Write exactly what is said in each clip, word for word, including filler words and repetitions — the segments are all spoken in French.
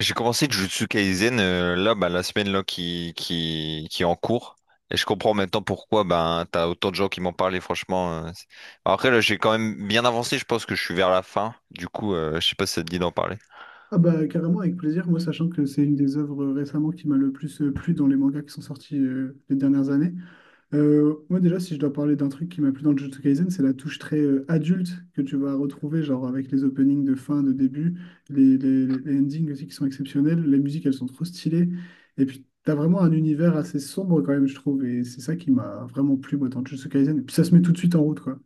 J'ai commencé Jujutsu Kaisen euh, là bah, la semaine là qui qui qui est en cours et je comprends maintenant pourquoi ben t'as autant de gens qui m'en parlent et franchement euh, c'est- Bon, après là j'ai quand même bien avancé, je pense que je suis vers la fin du coup. Euh, je sais pas si ça te dit d'en parler. Ah bah carrément avec plaisir, moi sachant que c'est une des œuvres récemment qui m'a le plus euh, plu dans les mangas qui sont sortis euh, les dernières années. Euh, moi déjà, si je dois parler d'un truc qui m'a plu dans Jujutsu Kaisen, c'est la touche très euh, adulte que tu vas retrouver, genre avec les openings de fin, de début, les, les, les- les endings aussi qui sont exceptionnels, les musiques elles sont trop stylées, et puis t'as vraiment un univers assez sombre quand même, je trouve, et c'est ça qui m'a vraiment plu moi, dans Jujutsu Kaisen, et puis ça se met tout de suite en route, quoi.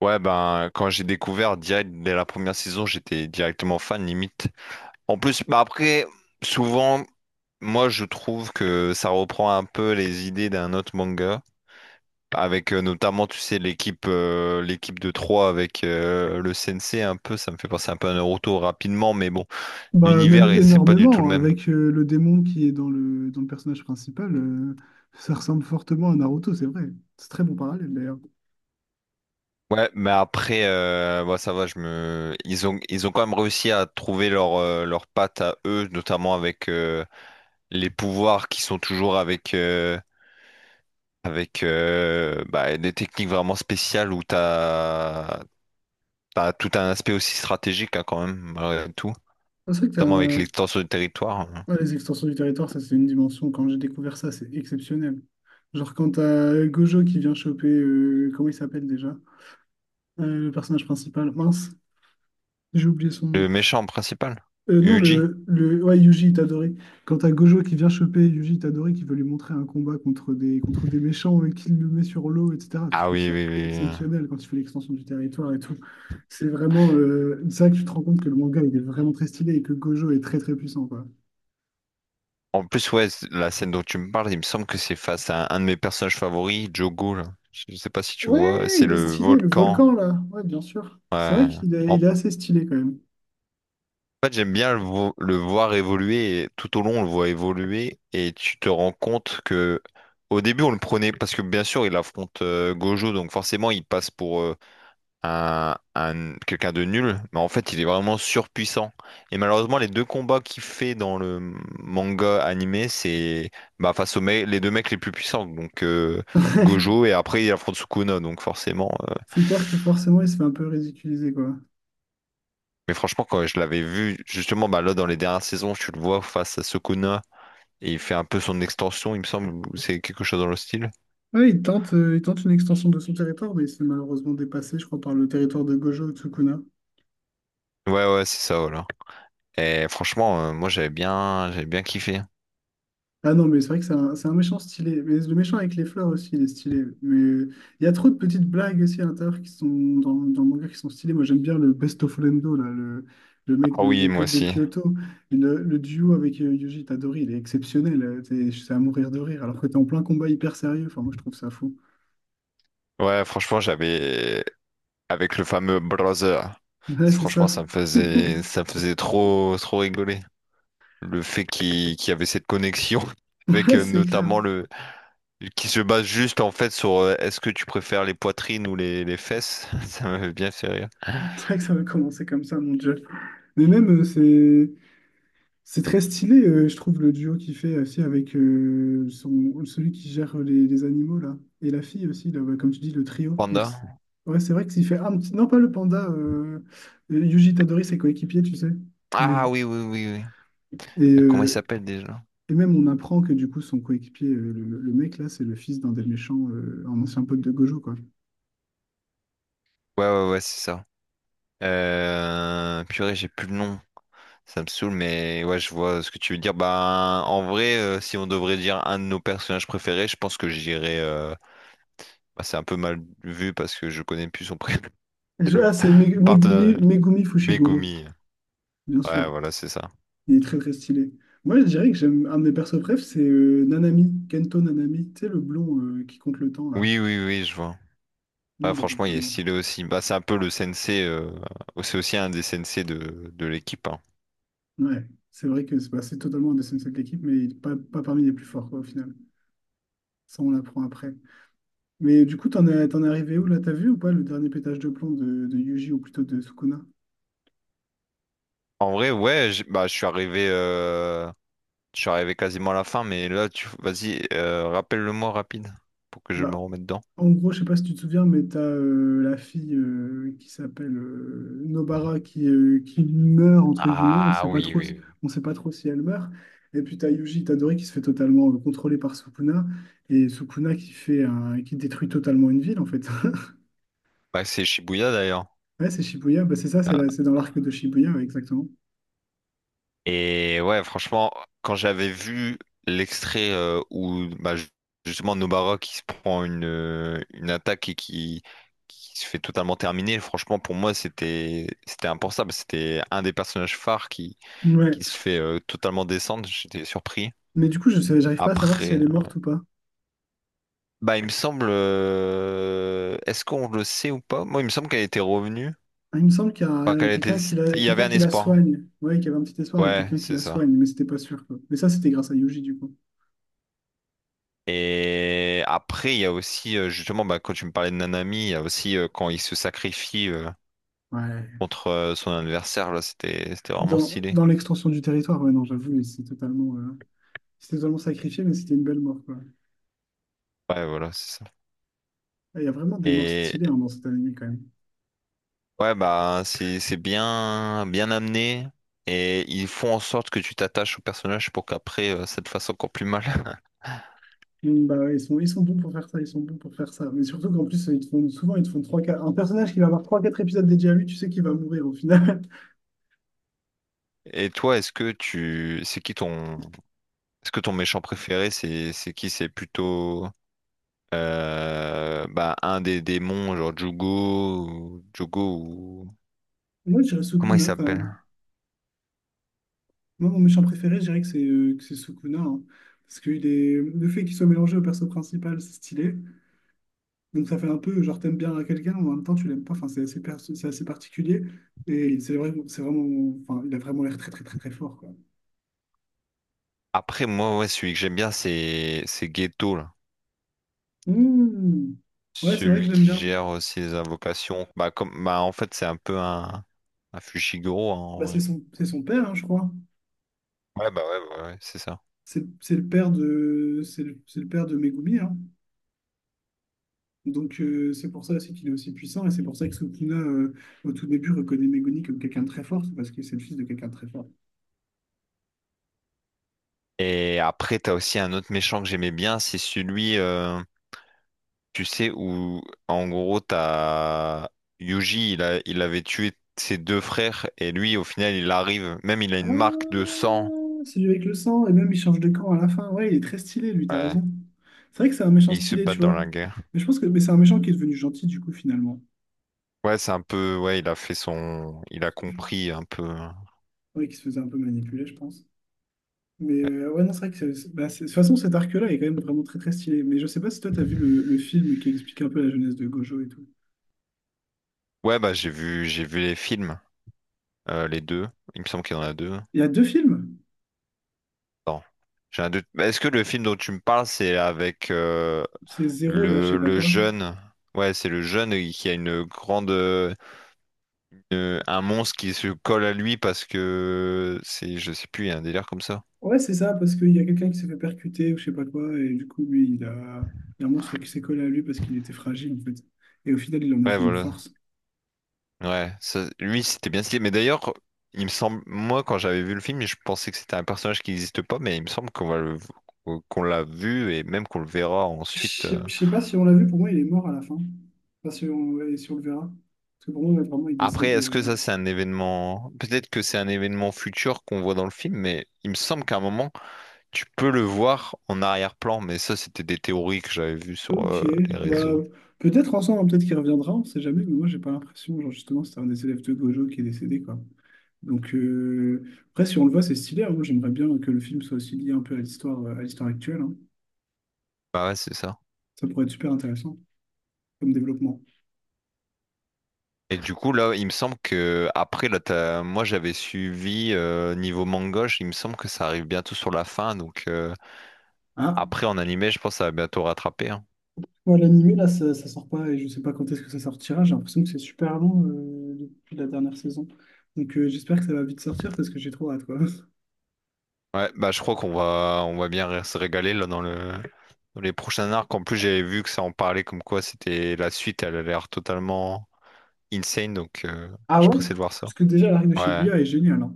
Ouais, ben quand j'ai découvert, direct dès la première saison j'étais directement fan, limite. En plus, bah après, souvent, moi je trouve que ça reprend un peu les idées d'un autre manga. Avec euh, notamment, tu sais, l'équipe euh, l'équipe de trois avec euh, le C N C un peu, ça me fait penser un peu à Naruto rapidement, mais bon, Bah, même l'univers, et c'est pas du tout le énormément, même. avec euh, le démon qui est dans le, dans le personnage principal, euh, ça ressemble fortement à Naruto, c'est vrai. C'est très bon parallèle d'ailleurs. Ouais, mais après, euh, bah, ça va, je me... ils ont, ils ont quand même réussi à trouver leur, euh, leur patte à eux, notamment avec euh, les pouvoirs qui sont toujours avec, euh, avec euh, bah, des techniques vraiment spéciales où t'as, t'as tout un aspect aussi stratégique, hein, quand même, malgré tout, Ah, c'est vrai que t'as notamment avec un- l'extension du territoire. ouais, les extensions du territoire, ça c'est une dimension, quand j'ai découvert ça, c'est exceptionnel. Genre quand t'as Gojo qui vient choper, euh, comment il s'appelle déjà? Euh, le personnage principal, mince, j'ai oublié son nom. Le méchant principal? Euh, non, Yuji? le, le... Ouais, Yuji Itadori. Quand t'as Gojo qui vient choper Yuji Itadori, qui veut lui montrer un combat contre des, contre des méchants et qu'il le met sur l'eau, et cetera. Je Ah trouve oui, ça oui, oui. oui. exceptionnel quand il fait l'extension du territoire et tout. C'est vraiment... euh, C'est vrai que tu te rends compte que le manga, il est vraiment très stylé et que Gojo est très très puissant, quoi. En plus, ouais, c- la scène dont tu me parles, il me semble que c'est face à un de mes personnages favoris, Jogo, là. Je sais pas si tu vois, Ouais, c'est il est le stylé, le volcan. volcan, là. Ouais, bien sûr. C'est vrai Ouais. qu'il est, En il est assez stylé, quand même. fait, j'aime bien le, vo- le voir évoluer, et tout au long, on le voit évoluer, et tu te rends compte que, au début, on le prenait, parce que bien sûr, il affronte euh, Gojo, donc forcément, il passe pour, euh, un, un- quelqu'un de nul, mais en fait, il est vraiment surpuissant. Et malheureusement, les deux combats qu'il fait dans le manga animé, c'est bah, face aux me- les deux mecs les plus puissants, donc euh, Gojo, et après, il affronte Sukuna, donc forcément. euh, C'est clair que forcément, il se fait un peu ridiculiser, quoi. Mais franchement, quand je l'avais vu, justement, bah, là, dans les dernières saisons, tu le vois face à Sukuna, et il fait un peu son extension, il me semble, ou c'est quelque chose dans le style. Ouais, il tente, euh, il tente une extension de son territoire, mais il se fait malheureusement dépassé, je crois, par le territoire de Gojo Tsukuna. Ouais, ouais, c'est ça, voilà. Et franchement, euh, moi, j'avais bien, j'avais bien kiffé. Ah non, mais c'est vrai que c'est un, c'est un méchant stylé. Mais le méchant avec les fleurs aussi, il est stylé. Mais il y a trop de petites blagues aussi à l'intérieur qui sont dans, dans le manga qui sont stylées. Moi, j'aime bien le Best of Lendo, là, le, le mec Ah de oui, moi l'école de aussi. Kyoto. Et Le, le duo avec euh, Yuji Tadori, il est exceptionnel. Euh, t'es- C'est à mourir de rire, alors que t'es en plein combat hyper sérieux. Enfin, moi, je trouve ça fou. Ouais, franchement, j'avais. Avec le fameux brother. Ouais, c'est Franchement, ça. ça me faisait, ça me faisait trop, trop rigoler. Le fait qu'il qu'il y avait cette connexion avec Ouais, euh, c'est clair. notamment le, qui se base juste en fait sur euh, est-ce que tu préfères les poitrines ou les, les fesses? Ça m'avait bien fait rire. C'est vrai que ça va commencer comme ça, mon Dieu. Mais même, euh, c'est. C'est très stylé, euh, je trouve, le duo qu'il fait aussi avec euh, son, celui qui gère les, les animaux, là. Et la fille aussi, là, ouais, comme tu dis, le trio. Ils res- Panda? Ouais, c'est vrai que s'il fait... Ah, non, pas le panda. euh, euh, Yuji Tadori, ses coéquipiers, tu sais. Les- Ah oui, oui, oui, oui. Et, Comment il euh, s'appelle déjà? et même, on apprend que du coup, son coéquipier, euh, le, le mec, là, c'est le fils d'un des méchants, euh, un ancien pote de Gojo, quoi. Ouais, ouais, ouais, c'est ça. Euh, purée, j'ai plus le nom. Ça me saoule, mais ouais, je vois ce que tu veux dire. Bah, en vrai, euh, si on devrait dire un de nos personnages préférés, je pense que j'irais. euh, Bah, c'est un peu mal vu parce que je connais plus son prénom. C'est Je- le Ah, c'est Me- Megumi, partenaire. Megumi Fushiguro, Megumi. bien Ouais, sûr. voilà, c'est ça. Il est très très stylé. Moi, je dirais que j'aime un de mes persos préf, c'est euh, Nanami, Kento Nanami, tu sais, le blond euh, qui compte le temps là. Oui, oui, oui, je vois. Lui, Ouais, il est franchement, il est totalement. stylé aussi. Bah, c'est un peu le sensei. euh, C'est aussi un des sensei de, de l'équipe, hein. Ouais, c'est vrai que c'est bah, c'est totalement un des senseis de l'équipe, mais il n'est pas, pas parmi les plus forts quoi, au final. Ça, on l'apprend après. Mais du coup, t'en es, t'en es arrivé où là? T'as vu ou pas le dernier pétage de plomb de, de Yuji ou plutôt de Sukuna? En vrai, ouais, j'- bah, je suis arrivé. euh, je suis arrivé quasiment à la fin, mais là, tu... vas-y, euh, rappelle-le-moi rapide pour que je me Bah, remette dedans. en gros, je sais pas si tu te souviens, mais t'as as la fille euh, qui s'appelle euh, Nobara qui, euh, qui meurt, entre guillemets. On Ah sait pas oui, trop, oui, si- oui. On sait pas trop si elle meurt. Et puis t'as as Yuji Itadori qui se fait totalement euh, contrôler par Sukuna. Et Sukuna qui fait un- qui détruit totalement une ville, en fait. Bah, c'est Shibuya d'ailleurs. Ouais, c'est Shibuya. Bah, c'est ça, c'est Bah, là. C'est dans l'arc de Shibuya, ouais, exactement. Et ouais, franchement, quand j'avais vu l'extrait euh, où bah, ju- justement Nobara qui se prend une, euh, une attaque et qui, qui se fait totalement terminer, franchement, pour moi, c'était c'était impensable. C'était un des personnages phares qui, Ouais, qui se fait euh, totalement descendre. J'étais surpris. mais du coup, je sais, j'arrive pas à savoir si elle Après, est morte ou pas. bah, il me semble, euh, est-ce qu'on le sait ou pas? Moi, il me semble qu'elle était revenue. Ah, il me semble qu'il y a Enfin, euh, qu'elle était... quelqu'un qui la, il y avait quelqu'un un qui la espoir. soigne. Ouais, qu'il y avait un petit espoir avec Ouais, quelqu'un qui c'est la soigne, ça. mais c'était pas sûr, quoi. Mais ça, c'était grâce à Yuji, du coup. Et après, il y a aussi, euh, justement, bah, quand tu me parlais de Nanami, il y a aussi euh, quand il se sacrifie euh, Ouais. contre euh, son adversaire, là, c'était, c'était vraiment Dans, stylé. dans l'extension du territoire, ouais, non, j'avoue, c'est totalement, euh, c'est totalement sacrifié, mais c'était une belle mort, quoi. Ouais, voilà, c'est ça. Ah, il y a vraiment des morts Et stylées hein, dans cette anime, quand même. ouais, bah, c'est, c'est bien, bien amené. Et ils font en sorte que tu t'attaches au personnage pour qu'après, euh, ça te fasse encore plus mal. Mm, bah, ouais, ils sont, ils sont bons pour faire ça, ils sont bons pour faire ça. Mais surtout qu'en plus, ils te font, souvent, ils te font trois, quatre. Un personnage qui va avoir trois, quatre épisodes dédiés à lui, tu sais qu'il va mourir au final. Et toi, est-ce que tu, c'est qui ton, est-ce que ton méchant préféré, c'est, c'est qui? C'est plutôt, euh, bah, un des démons, genre Jugo, ou- Jugo. Moi, je dirais Comment il Sukuna, quand même. s'appelle? Moi, mon méchant préféré, je dirais que c'est euh, que c'est Sukuna. Hein. Parce que il est... le fait qu'il soit mélangé au perso principal, c'est stylé. Donc ça fait un peu, genre, t'aimes bien quelqu'un, mais en même temps, tu l'aimes pas. Enfin, c'est assez, perso- c'est assez particulier. Et il- c'est vrai, c'est vraiment... Enfin, il a vraiment l'air très, très, très, très fort, quoi. Après, moi, ouais, celui que j'aime bien, c'est c'est Ghetto, là. Mmh. Ouais, c'est vrai que Celui j'aime qui bien. gère euh, ses invocations. Bah, comme... bah, en fait, c'est un peu un, un Fushiguro, hein, en Bah, vrai. c'est son... c'est son père, hein, je crois. Ouais, bah, ouais, ouais, ouais, c'est ça. C'est c'est le père de... C'est le... c'est le père de Megumi, hein. Donc euh, c'est pour ça aussi qu'il est aussi puissant. Et c'est pour ça que Sukuna, euh, au tout début, reconnaît Megumi comme quelqu'un de très fort. C'est parce que c'est le fils de quelqu'un de très fort. Et après, t'as aussi un autre méchant que j'aimais bien, c'est celui, euh, tu sais, où, en gros, t'as Yuji, il a... il avait tué ses deux frères, et lui, au final, il arrive, même il a une marque de Ah, sang, c'est celui avec le sang, et même il change de camp à la fin. Ouais, il est très stylé, lui, t'as ouais, raison. C'est vrai que c'est un méchant et ils se stylé, tu battent dans vois. la guerre. Mais je pense que mais c'est un méchant qui est devenu gentil, du coup, finalement. Ouais, c'est un peu. Ouais, il a fait son. Il a compris un peu. Ouais, qui se faisait un peu manipuler, je pense. Mais Ouais. euh, ouais, non, c'est vrai que c'est- c'est- bah, c'est- de toute façon, cet arc-là est quand même vraiment très très stylé. Mais je sais pas si toi, t'as vu le, le film qui explique un peu la jeunesse de Gojo et tout. Ouais, bah j'ai vu, j'ai vu les films, euh, les deux. Il me semble qu'il y en a deux. Il y a deux films. Attends, j'ai un doute. Bah, est-ce que le film dont tu me parles, c'est avec euh, C'est Zéro, là, je sais le, pas le quoi. jeune? Ouais, c'est le jeune qui a une grande, euh, une- un monstre qui se colle à lui parce que c'est, je sais plus, il y a un délire comme ça. Ouais, c'est ça, parce qu'il y a quelqu'un qui s'est fait percuter ou je sais pas quoi, et du coup, lui, il a, il y a un monstre qui s'est collé à lui parce qu'il était fragile, en fait. Et au final, il en a Ouais, fait une voilà. force. Ouais, ça- lui c'était bien stylé. Mais d'ailleurs, il me semble, moi quand j'avais vu le film, je pensais que c'était un personnage qui n'existe pas, mais il me semble qu'on va le- qu'on l'a vu et même qu'on le verra Je ensuite. euh. sais je sais pas si on l'a vu, pour moi, il est mort à la fin. Pas si on, et si on le verra. Parce que pour moi, vraiment, il Après, décède. est-ce que euh, ça c'est un événement? Peut-être que c'est un événement futur qu'on voit dans le film, mais il me semble qu'à un moment tu peux le voir en arrière-plan. Mais ça, c'était des théories que j'avais vues sur Ok, euh, les bah, réseaux. peut-être ensemble, hein, peut-être qu'il reviendra, on sait jamais, mais moi, j'ai pas l'impression. Genre, justement, c'était un des élèves de Gojo qui est décédé, quoi. Donc, euh, après, si on le voit, c'est stylé. Hein. Moi, j'aimerais bien que le film soit aussi lié un peu à l'histoire, euh, à l'histoire actuelle. Hein. Bah ouais, c'est ça. Ça pourrait être super intéressant comme développement. Et du coup, là, il me semble que après, là, t'as- moi, j'avais suivi euh, niveau mangoche. Il me semble que ça arrive bientôt sur la fin. Donc euh, Ah, après, en animé, je pense que ça va bientôt rattraper, hein. moi, l'animé, là, ça, ça sort pas et je sais pas quand est-ce que ça sortira. J'ai l'impression que c'est super long euh, depuis la dernière saison. Donc, euh, j'espère que ça va vite sortir parce que j'ai trop hâte, quoi. Ouais, bah je crois qu'on va, on va bien se régaler là dans le, dans les prochains arcs. En plus, j'avais vu que ça en parlait comme quoi c'était la suite. Elle a l'air totalement insane. Donc euh, je Ah suis ouais? pressé de voir ça. Parce que déjà, l'arc de Ouais. Shibuya est génial, hein.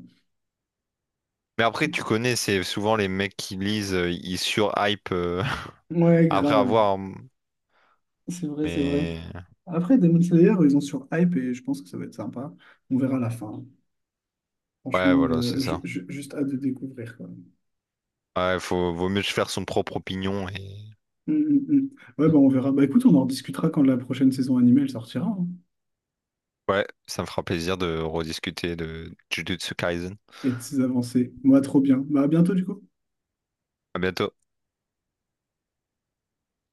Mais après, tu connais, c'est souvent les mecs qui lisent, euh, ils surhype euh, Ouais, après grave. avoir. C'est vrai, c'est vrai. Mais Après, Demon Slayer, ils ont sur hype et je pense que ça va être sympa. On verra la fin. ouais, Franchement, voilà, euh, c'est je- ça. je- juste hâte de découvrir, quoi. Ouais, faut, vaut mieux se faire son propre opinion et Hum, hum, hum. Ouais, bah on verra. Bah écoute, on en rediscutera quand la prochaine saison animée elle sortira hein, ouais, ça me fera plaisir de rediscuter de Jujutsu Kaisen. et de ses avancées. Moi, trop bien. Bah à bientôt, du coup. À bientôt.